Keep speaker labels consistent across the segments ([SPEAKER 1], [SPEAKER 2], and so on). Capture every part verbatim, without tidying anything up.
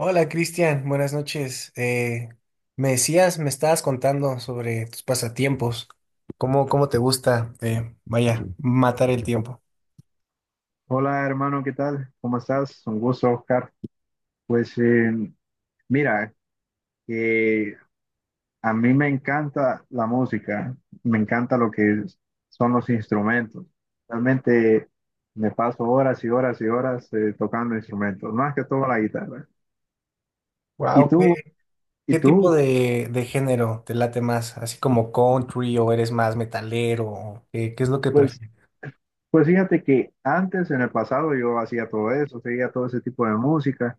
[SPEAKER 1] Hola Cristian, buenas noches. Eh, me decías, me estabas contando sobre tus pasatiempos, cómo, cómo te gusta, eh, vaya, matar el tiempo.
[SPEAKER 2] Hola hermano, ¿qué tal? ¿Cómo estás? Un gusto, Oscar. Pues eh, mira, eh, a mí me encanta la música, me encanta lo que es- son los instrumentos. Realmente me paso horas y horas y horas eh, tocando instrumentos, más que todo la guitarra. ¿Y
[SPEAKER 1] Wow, ¿qué,
[SPEAKER 2] tú? ¿Y
[SPEAKER 1] ¿qué tipo
[SPEAKER 2] tú?
[SPEAKER 1] de, de género te late más? ¿Así como country o eres más metalero? ¿O ¿Qué, qué es lo que
[SPEAKER 2] Pues,
[SPEAKER 1] prefieres?
[SPEAKER 2] pues fíjate que antes, en el pasado, yo hacía todo eso, seguía todo ese tipo de música.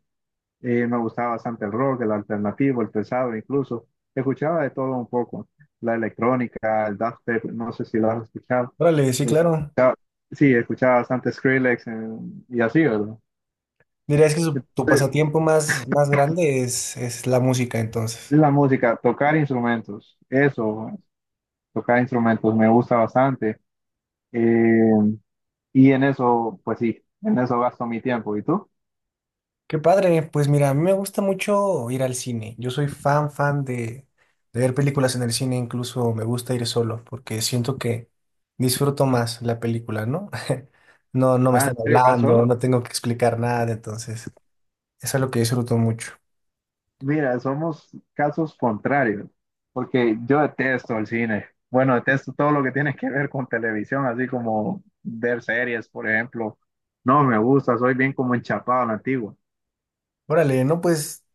[SPEAKER 2] Eh, me gustaba bastante el rock, el alternativo, el pesado incluso. Escuchaba de todo un poco. La electrónica, el dubstep, no sé si lo has escuchado.
[SPEAKER 1] Órale, sí, claro.
[SPEAKER 2] Escuchaba- sí, escuchaba bastante Skrillex, eh, y así, ¿verdad?
[SPEAKER 1] Dirías que su- tu
[SPEAKER 2] Entonces,
[SPEAKER 1] pasatiempo más, más grande es, es la música entonces.
[SPEAKER 2] la música, tocar instrumentos, eso, tocar instrumentos me gusta bastante. Eh, y en eso, pues sí, en eso gasto mi tiempo. ¿Y tú?
[SPEAKER 1] Qué padre, pues mira, a mí me gusta mucho ir al cine. Yo soy fan, fan de, de ver películas en el cine, incluso me gusta ir solo porque siento que disfruto más la película, ¿no? No, no me
[SPEAKER 2] Ah, ¿en
[SPEAKER 1] están
[SPEAKER 2] serio? ¿Vas solo?
[SPEAKER 1] hablando, no tengo que explicar nada, entonces eso es lo que disfruto mucho.
[SPEAKER 2] Mira, somos casos contrarios, porque yo detesto el cine. Bueno, detesto todo lo que tiene que ver con televisión, así como ver series, por ejemplo. No me gusta, soy bien como enchapado a la antigua.
[SPEAKER 1] Órale, no, pues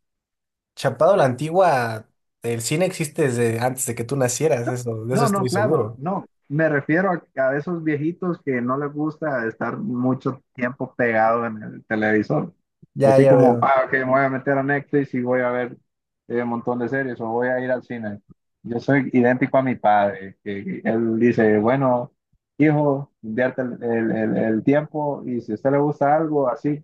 [SPEAKER 1] chapado la antigua, el cine existe desde antes de que tú nacieras, eso, de eso
[SPEAKER 2] No, no,
[SPEAKER 1] estoy
[SPEAKER 2] claro,
[SPEAKER 1] seguro.
[SPEAKER 2] no. Me refiero a, a esos viejitos que no les gusta estar mucho tiempo pegado en el televisor.
[SPEAKER 1] Ya,
[SPEAKER 2] Así
[SPEAKER 1] ya
[SPEAKER 2] como,
[SPEAKER 1] veo.
[SPEAKER 2] ah, ok, me voy a meter a Netflix y voy a ver eh, un montón de series o voy a ir al cine. Yo soy idéntico a mi padre, que él dice, bueno, hijo, invierte el, el- el- el tiempo y si a usted le gusta algo, así,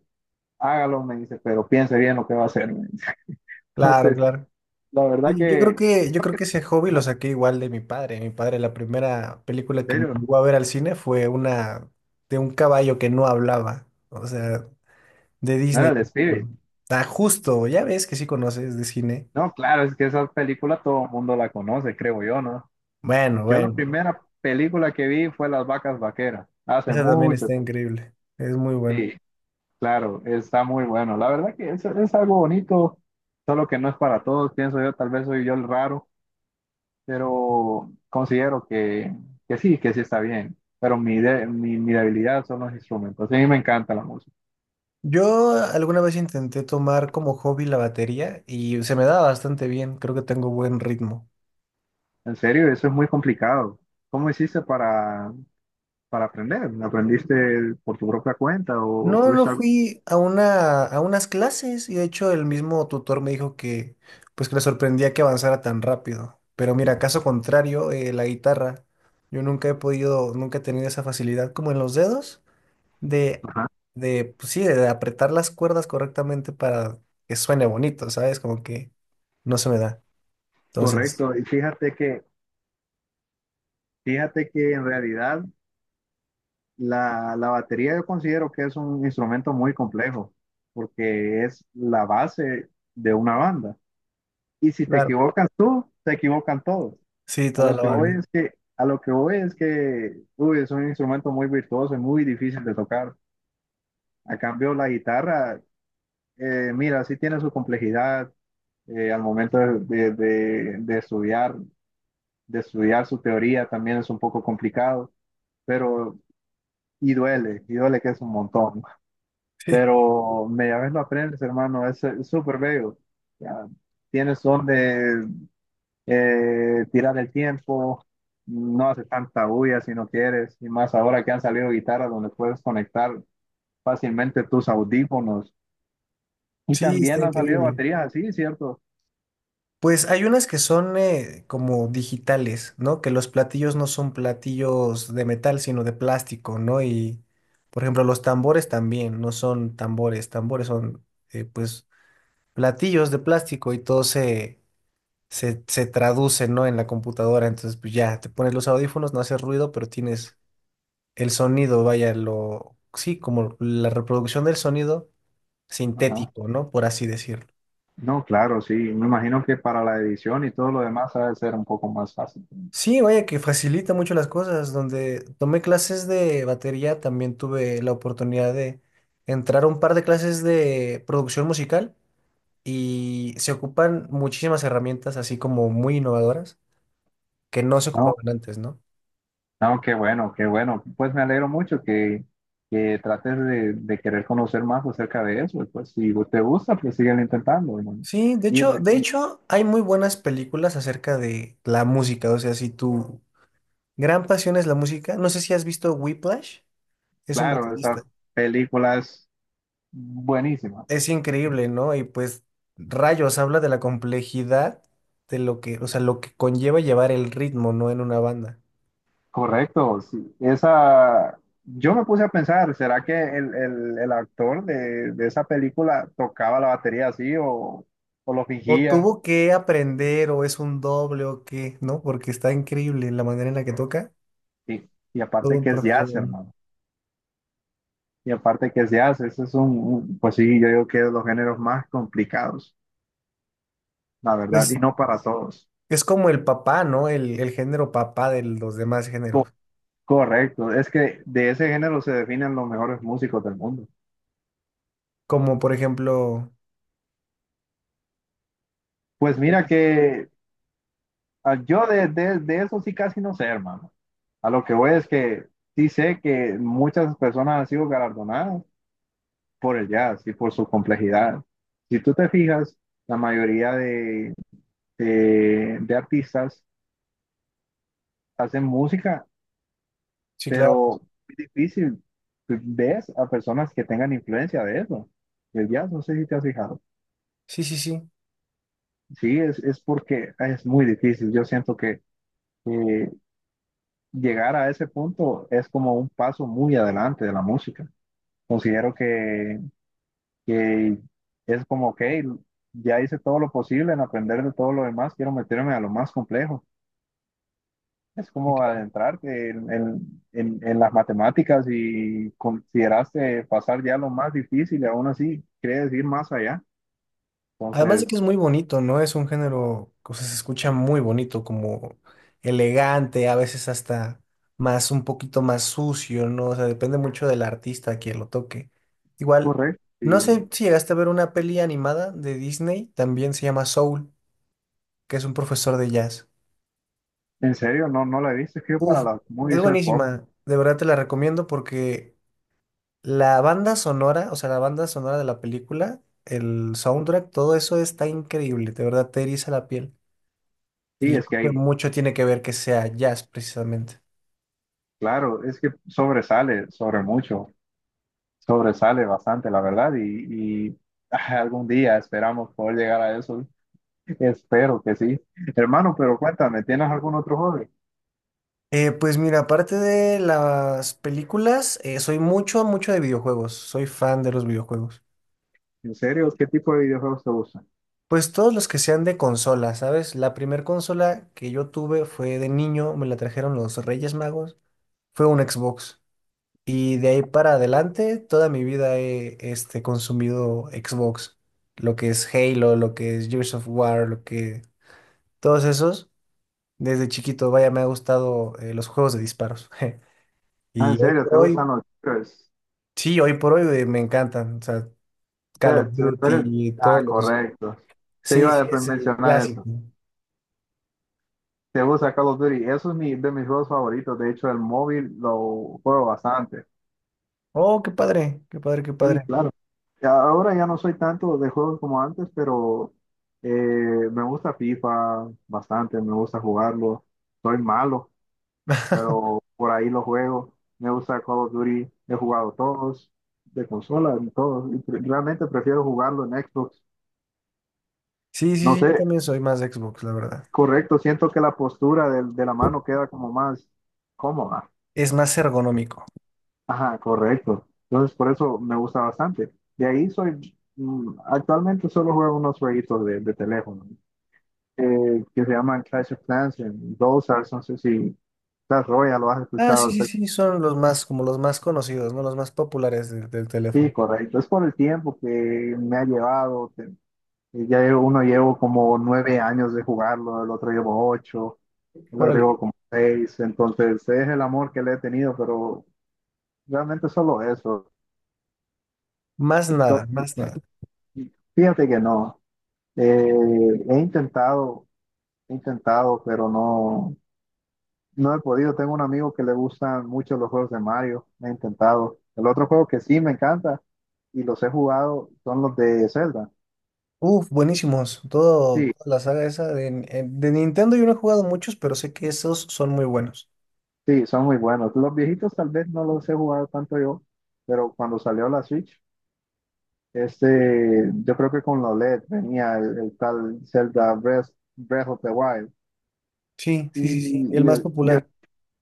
[SPEAKER 2] hágalo, me dice, pero piense bien lo que va a hacer, me dice.
[SPEAKER 1] Claro,
[SPEAKER 2] Entonces,
[SPEAKER 1] claro.
[SPEAKER 2] la verdad
[SPEAKER 1] Sí, yo creo
[SPEAKER 2] que,
[SPEAKER 1] que, yo
[SPEAKER 2] no
[SPEAKER 1] creo
[SPEAKER 2] que-
[SPEAKER 1] que ese hobby
[SPEAKER 2] ajá,
[SPEAKER 1] lo
[SPEAKER 2] en
[SPEAKER 1] saqué igual de mi padre. Mi padre, la primera película que me
[SPEAKER 2] serio,
[SPEAKER 1] llevó a ver al cine fue una de un caballo que no hablaba, o sea, de
[SPEAKER 2] no era
[SPEAKER 1] Disney.
[SPEAKER 2] el espíritu.
[SPEAKER 1] Ah, justo, ya ves que sí conoces de cine.
[SPEAKER 2] No, claro, es que esa película todo el mundo la conoce, creo yo, ¿no?
[SPEAKER 1] Bueno,
[SPEAKER 2] Yo la
[SPEAKER 1] bueno,
[SPEAKER 2] primera película que vi fue Las vacas vaqueras, hace
[SPEAKER 1] esa también
[SPEAKER 2] mucho.
[SPEAKER 1] está increíble, es muy buena.
[SPEAKER 2] Sí, claro, está muy bueno. La verdad que es, es algo bonito, solo que no es para todos, pienso yo, tal vez soy yo el raro, pero considero que, que sí, que sí está bien. Pero mi, de- mi, mi debilidad son los instrumentos. A mí me encanta la música.
[SPEAKER 1] Yo alguna vez intenté tomar como hobby la batería y se me da bastante bien, creo que tengo buen ritmo.
[SPEAKER 2] En serio, eso es muy complicado. ¿Cómo hiciste para, para aprender? ¿Aprendiste por tu propia cuenta o
[SPEAKER 1] No, no
[SPEAKER 2] tuviste algo?
[SPEAKER 1] fui a una, a unas clases y de hecho el mismo tutor me dijo que pues que le sorprendía que avanzara tan rápido. Pero mira, caso contrario, eh, la guitarra, yo nunca he podido, nunca he tenido esa facilidad como en los dedos de, de pues sí, de apretar las cuerdas correctamente para que suene bonito, ¿sabes? Como que no se me da. Entonces,
[SPEAKER 2] Correcto, y fíjate que, fíjate que en realidad la, la batería yo considero que es un instrumento muy complejo, porque es la base de una banda. Y si te
[SPEAKER 1] claro,
[SPEAKER 2] equivocas tú, te equivocan todos.
[SPEAKER 1] sí,
[SPEAKER 2] A
[SPEAKER 1] toda
[SPEAKER 2] lo
[SPEAKER 1] la
[SPEAKER 2] que, sí, voy, sí,
[SPEAKER 1] banda.
[SPEAKER 2] es que, a lo que voy es que, uy, es un instrumento muy virtuoso y muy difícil de tocar. A cambio, la guitarra, eh, mira, sí tiene su complejidad, eh, al momento de, de- de- de estudiar, de estudiar su teoría también es un poco complicado, pero y duele, y duele que es un montón. Pero media vez lo aprendes, hermano, es eh, súper bello. Ya, tienes donde eh, tirar el tiempo, no hace tanta bulla si no quieres, y más ahora que han salido guitarras donde puedes conectar fácilmente tus audífonos. Y
[SPEAKER 1] Sí, sí,
[SPEAKER 2] también
[SPEAKER 1] está
[SPEAKER 2] han salido
[SPEAKER 1] increíble.
[SPEAKER 2] baterías así, ¿cierto?
[SPEAKER 1] Pues hay unas que son eh, como digitales, ¿no? Que los platillos no son platillos de metal, sino de plástico, ¿no? Y, por ejemplo, los tambores también no son tambores, tambores son, eh, pues, platillos de plástico y todo se, se, se traduce, ¿no? En la computadora. Entonces, pues ya, te pones los audífonos, no hace ruido, pero tienes el sonido, vaya, lo, sí, como la reproducción del sonido
[SPEAKER 2] Ajá.
[SPEAKER 1] sintético, ¿no? Por así decirlo.
[SPEAKER 2] No, claro, sí. Me imagino que para la edición y todo lo demás ha de ser un poco más fácil.
[SPEAKER 1] Sí, vaya que facilita mucho las cosas. Donde tomé clases de batería, también tuve la oportunidad de entrar a un par de clases de producción musical y se ocupan muchísimas herramientas así como muy innovadoras que no se
[SPEAKER 2] No,
[SPEAKER 1] ocupaban antes, ¿no?
[SPEAKER 2] no, qué bueno, qué bueno. Pues me alegro mucho que, que trates de, de querer conocer más acerca de eso. Y pues si te gusta, pues síguelo intentando, hermano.
[SPEAKER 1] Sí, de
[SPEAKER 2] Y,
[SPEAKER 1] hecho,
[SPEAKER 2] re-
[SPEAKER 1] de
[SPEAKER 2] y
[SPEAKER 1] hecho hay muy buenas películas acerca de la música, o sea, si tu gran pasión es la música, no sé si has visto Whiplash, es un
[SPEAKER 2] claro,
[SPEAKER 1] baterista.
[SPEAKER 2] esa película es buenísima.
[SPEAKER 1] Es increíble, ¿no? Y pues rayos, habla de la complejidad de lo que, o sea, lo que conlleva llevar el ritmo, ¿no? En una banda.
[SPEAKER 2] Correcto, sí. Esa, yo me puse a pensar, ¿será que el, el, el actor de, de esa película tocaba la batería así o, o lo
[SPEAKER 1] O
[SPEAKER 2] fingía?
[SPEAKER 1] tuvo que aprender, o es un doble, o qué, ¿no? Porque está increíble la manera en la que toca.
[SPEAKER 2] Y, y
[SPEAKER 1] Todo
[SPEAKER 2] aparte
[SPEAKER 1] un
[SPEAKER 2] que es jazz,
[SPEAKER 1] profesional.
[SPEAKER 2] hermano. Y aparte que es jazz, ese es un, un- pues sí, yo digo que es de los géneros más complicados. La verdad,
[SPEAKER 1] Pues
[SPEAKER 2] y no para todos.
[SPEAKER 1] es como el papá, ¿no? El, el género papá de los demás
[SPEAKER 2] Co-
[SPEAKER 1] géneros.
[SPEAKER 2] correcto, es que de ese género se definen los mejores músicos del mundo.
[SPEAKER 1] Como por ejemplo,
[SPEAKER 2] Pues mira que ah, yo de, de, de eso sí casi no sé, hermano. A lo que voy es que sí sé que muchas personas han sido galardonadas por el jazz y por su complejidad. Si tú te fijas, la mayoría de, de, de artistas hacen música,
[SPEAKER 1] sí, claro.
[SPEAKER 2] pero es difícil. Pues, ves a personas que tengan influencia de eso, del jazz, no sé si te has fijado.
[SPEAKER 1] Sí, sí, sí.
[SPEAKER 2] Sí, es, es porque es muy difícil. Yo siento que eh, llegar a ese punto es como un paso muy adelante de la música. Considero que, que es como, ok, ya hice todo lo posible en aprender de todo lo demás, quiero meterme a lo más complejo. Es como adentrarte en, en, en- en las matemáticas y consideraste pasar ya lo más difícil y aún así quieres ir más allá.
[SPEAKER 1] Además de que es
[SPEAKER 2] Entonces,
[SPEAKER 1] muy bonito, ¿no? Es un género, o sea, se escucha muy bonito, como elegante, a veces hasta más, un poquito más sucio, ¿no? O sea, depende mucho del artista a quien lo toque. Igual,
[SPEAKER 2] correcto.
[SPEAKER 1] no sé
[SPEAKER 2] Y
[SPEAKER 1] si llegaste a ver una peli animada de Disney, también se llama Soul, que es un profesor de jazz.
[SPEAKER 2] en serio, no, no la he visto. Es que yo para
[SPEAKER 1] Uf,
[SPEAKER 2] las
[SPEAKER 1] es
[SPEAKER 2] movies soy poco.
[SPEAKER 1] buenísima, de verdad te la recomiendo porque la banda sonora, o sea, la banda sonora de la película, el soundtrack, todo eso está increíble, de verdad te eriza la piel.
[SPEAKER 2] Sí,
[SPEAKER 1] Y yo
[SPEAKER 2] es que
[SPEAKER 1] creo que
[SPEAKER 2] hay,
[SPEAKER 1] mucho tiene que ver que sea jazz, precisamente.
[SPEAKER 2] claro, es que sobresale, sobre mucho, sobresale bastante, la verdad, y, y, ah, algún día esperamos poder llegar a eso, espero que sí. Hermano, pero cuéntame, ¿tienes algún otro hobby?
[SPEAKER 1] Eh, pues mira, aparte de las películas, eh, soy mucho, mucho de videojuegos. Soy fan de los videojuegos.
[SPEAKER 2] ¿En serio? ¿Qué tipo de videojuegos te gustan?
[SPEAKER 1] Pues todos los que sean de consola, ¿sabes? La primer consola que yo tuve fue de niño, me la trajeron los Reyes Magos, fue un Xbox. Y de ahí para adelante, toda mi vida he este, consumido Xbox. Lo que es Halo, lo que es Gears of War, lo que... Todos esos. Desde chiquito, vaya, me ha gustado eh, los juegos de disparos.
[SPEAKER 2] Ah, ¿en
[SPEAKER 1] Y hoy
[SPEAKER 2] serio?
[SPEAKER 1] por
[SPEAKER 2] ¿Te
[SPEAKER 1] hoy,
[SPEAKER 2] gustan los shooters?
[SPEAKER 1] sí, hoy por hoy eh, me encantan. O sea,
[SPEAKER 2] O
[SPEAKER 1] Call of
[SPEAKER 2] sea, te- tú eres-
[SPEAKER 1] Duty, todos
[SPEAKER 2] Ah,
[SPEAKER 1] los.
[SPEAKER 2] correcto. Te
[SPEAKER 1] Sí,
[SPEAKER 2] iba a
[SPEAKER 1] sí,
[SPEAKER 2] de-
[SPEAKER 1] es el
[SPEAKER 2] mencionar
[SPEAKER 1] clásico.
[SPEAKER 2] eso. Te gusta Call of Duty. Eso es mi, de mis juegos favoritos. De hecho, el móvil lo juego bastante.
[SPEAKER 1] Oh, qué padre, qué padre, qué
[SPEAKER 2] Sí,
[SPEAKER 1] padre.
[SPEAKER 2] claro. Ya Ahora ya no soy tanto de juegos como antes, pero eh, me gusta FIFA bastante, me gusta jugarlo. Soy malo, pero por ahí lo juego. Me gusta Call of Duty, he jugado todos, de consola, en todos. Y pre- realmente prefiero jugarlo en Xbox.
[SPEAKER 1] Sí,
[SPEAKER 2] No
[SPEAKER 1] sí, sí,
[SPEAKER 2] sé,
[SPEAKER 1] yo también soy más de Xbox, la verdad.
[SPEAKER 2] correcto, siento que la postura del- de, la mano queda como más cómoda.
[SPEAKER 1] Es más ergonómico.
[SPEAKER 2] Ajá, correcto. Entonces, por eso me gusta bastante. De ahí soy, mm, actualmente solo juego unos jueguitos de, de teléfono, eh, que se llaman Clash of Clans, en Dosas, no sé si Clash Royale lo has
[SPEAKER 1] Ah,
[SPEAKER 2] escuchado.
[SPEAKER 1] sí,
[SPEAKER 2] O
[SPEAKER 1] sí, sí, son los más, como los más conocidos, ¿no? Los más populares de- del
[SPEAKER 2] Sí,
[SPEAKER 1] teléfono.
[SPEAKER 2] correcto. Es por el tiempo que me ha llevado. Te- eh, ya llevo- uno llevo como nueve años de jugarlo, el otro llevo ocho, el otro
[SPEAKER 1] Órale.
[SPEAKER 2] llevo como seis. Entonces, es el amor que le he tenido, pero realmente solo eso.
[SPEAKER 1] Más
[SPEAKER 2] So-
[SPEAKER 1] nada, más nada.
[SPEAKER 2] Fíjate que no. Eh, he intentado, he intentado, pero no, no he podido. Tengo un amigo que le gustan mucho los juegos de Mario. He intentado. El otro juego que sí me encanta y los he jugado son los de Zelda.
[SPEAKER 1] Uf, buenísimos. Todo,
[SPEAKER 2] Sí,
[SPEAKER 1] toda la saga esa de, eh, de Nintendo yo no he jugado muchos, pero sé que esos son muy buenos.
[SPEAKER 2] sí, son muy buenos. Los viejitos tal vez no los he jugado tanto yo, pero cuando salió la Switch, este, yo creo que con la OLED venía el, el tal Zelda Breath, Breath of the Wild.
[SPEAKER 1] Sí,
[SPEAKER 2] Y,
[SPEAKER 1] sí, sí, sí, el
[SPEAKER 2] y
[SPEAKER 1] más
[SPEAKER 2] el- y el-
[SPEAKER 1] popular.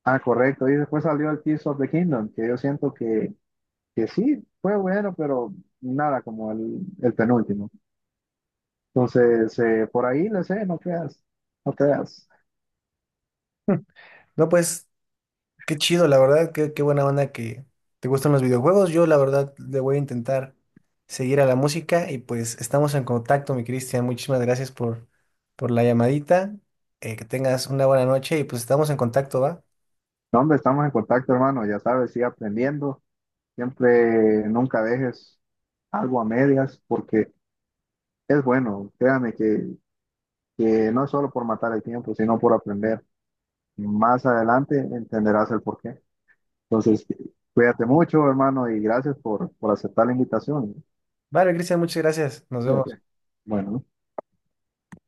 [SPEAKER 2] ah, Correcto. Y después salió el Tears of the Kingdom, que yo siento que que sí, fue bueno, pero nada como el, el penúltimo. Entonces, eh, por ahí le sé, no creas, no creas.
[SPEAKER 1] No, pues, qué chido, la verdad, qué, qué buena onda que te gustan los videojuegos. Yo, la verdad, le voy a intentar seguir a la música y pues estamos en contacto, mi Cristian. Muchísimas gracias por, por la llamadita. Eh, que tengas una buena noche y pues estamos en contacto, ¿va?
[SPEAKER 2] No, hombre, estamos en contacto, hermano, ya sabes, sigue aprendiendo, siempre, nunca dejes algo a medias, porque es bueno, créame que, que no es solo por matar el tiempo, sino por aprender. Más adelante entenderás el porqué. Entonces, cuídate mucho, hermano, y gracias por, por aceptar la invitación.
[SPEAKER 1] Vale, Cristian, muchas gracias. Nos vemos.
[SPEAKER 2] Cuídate. Bueno.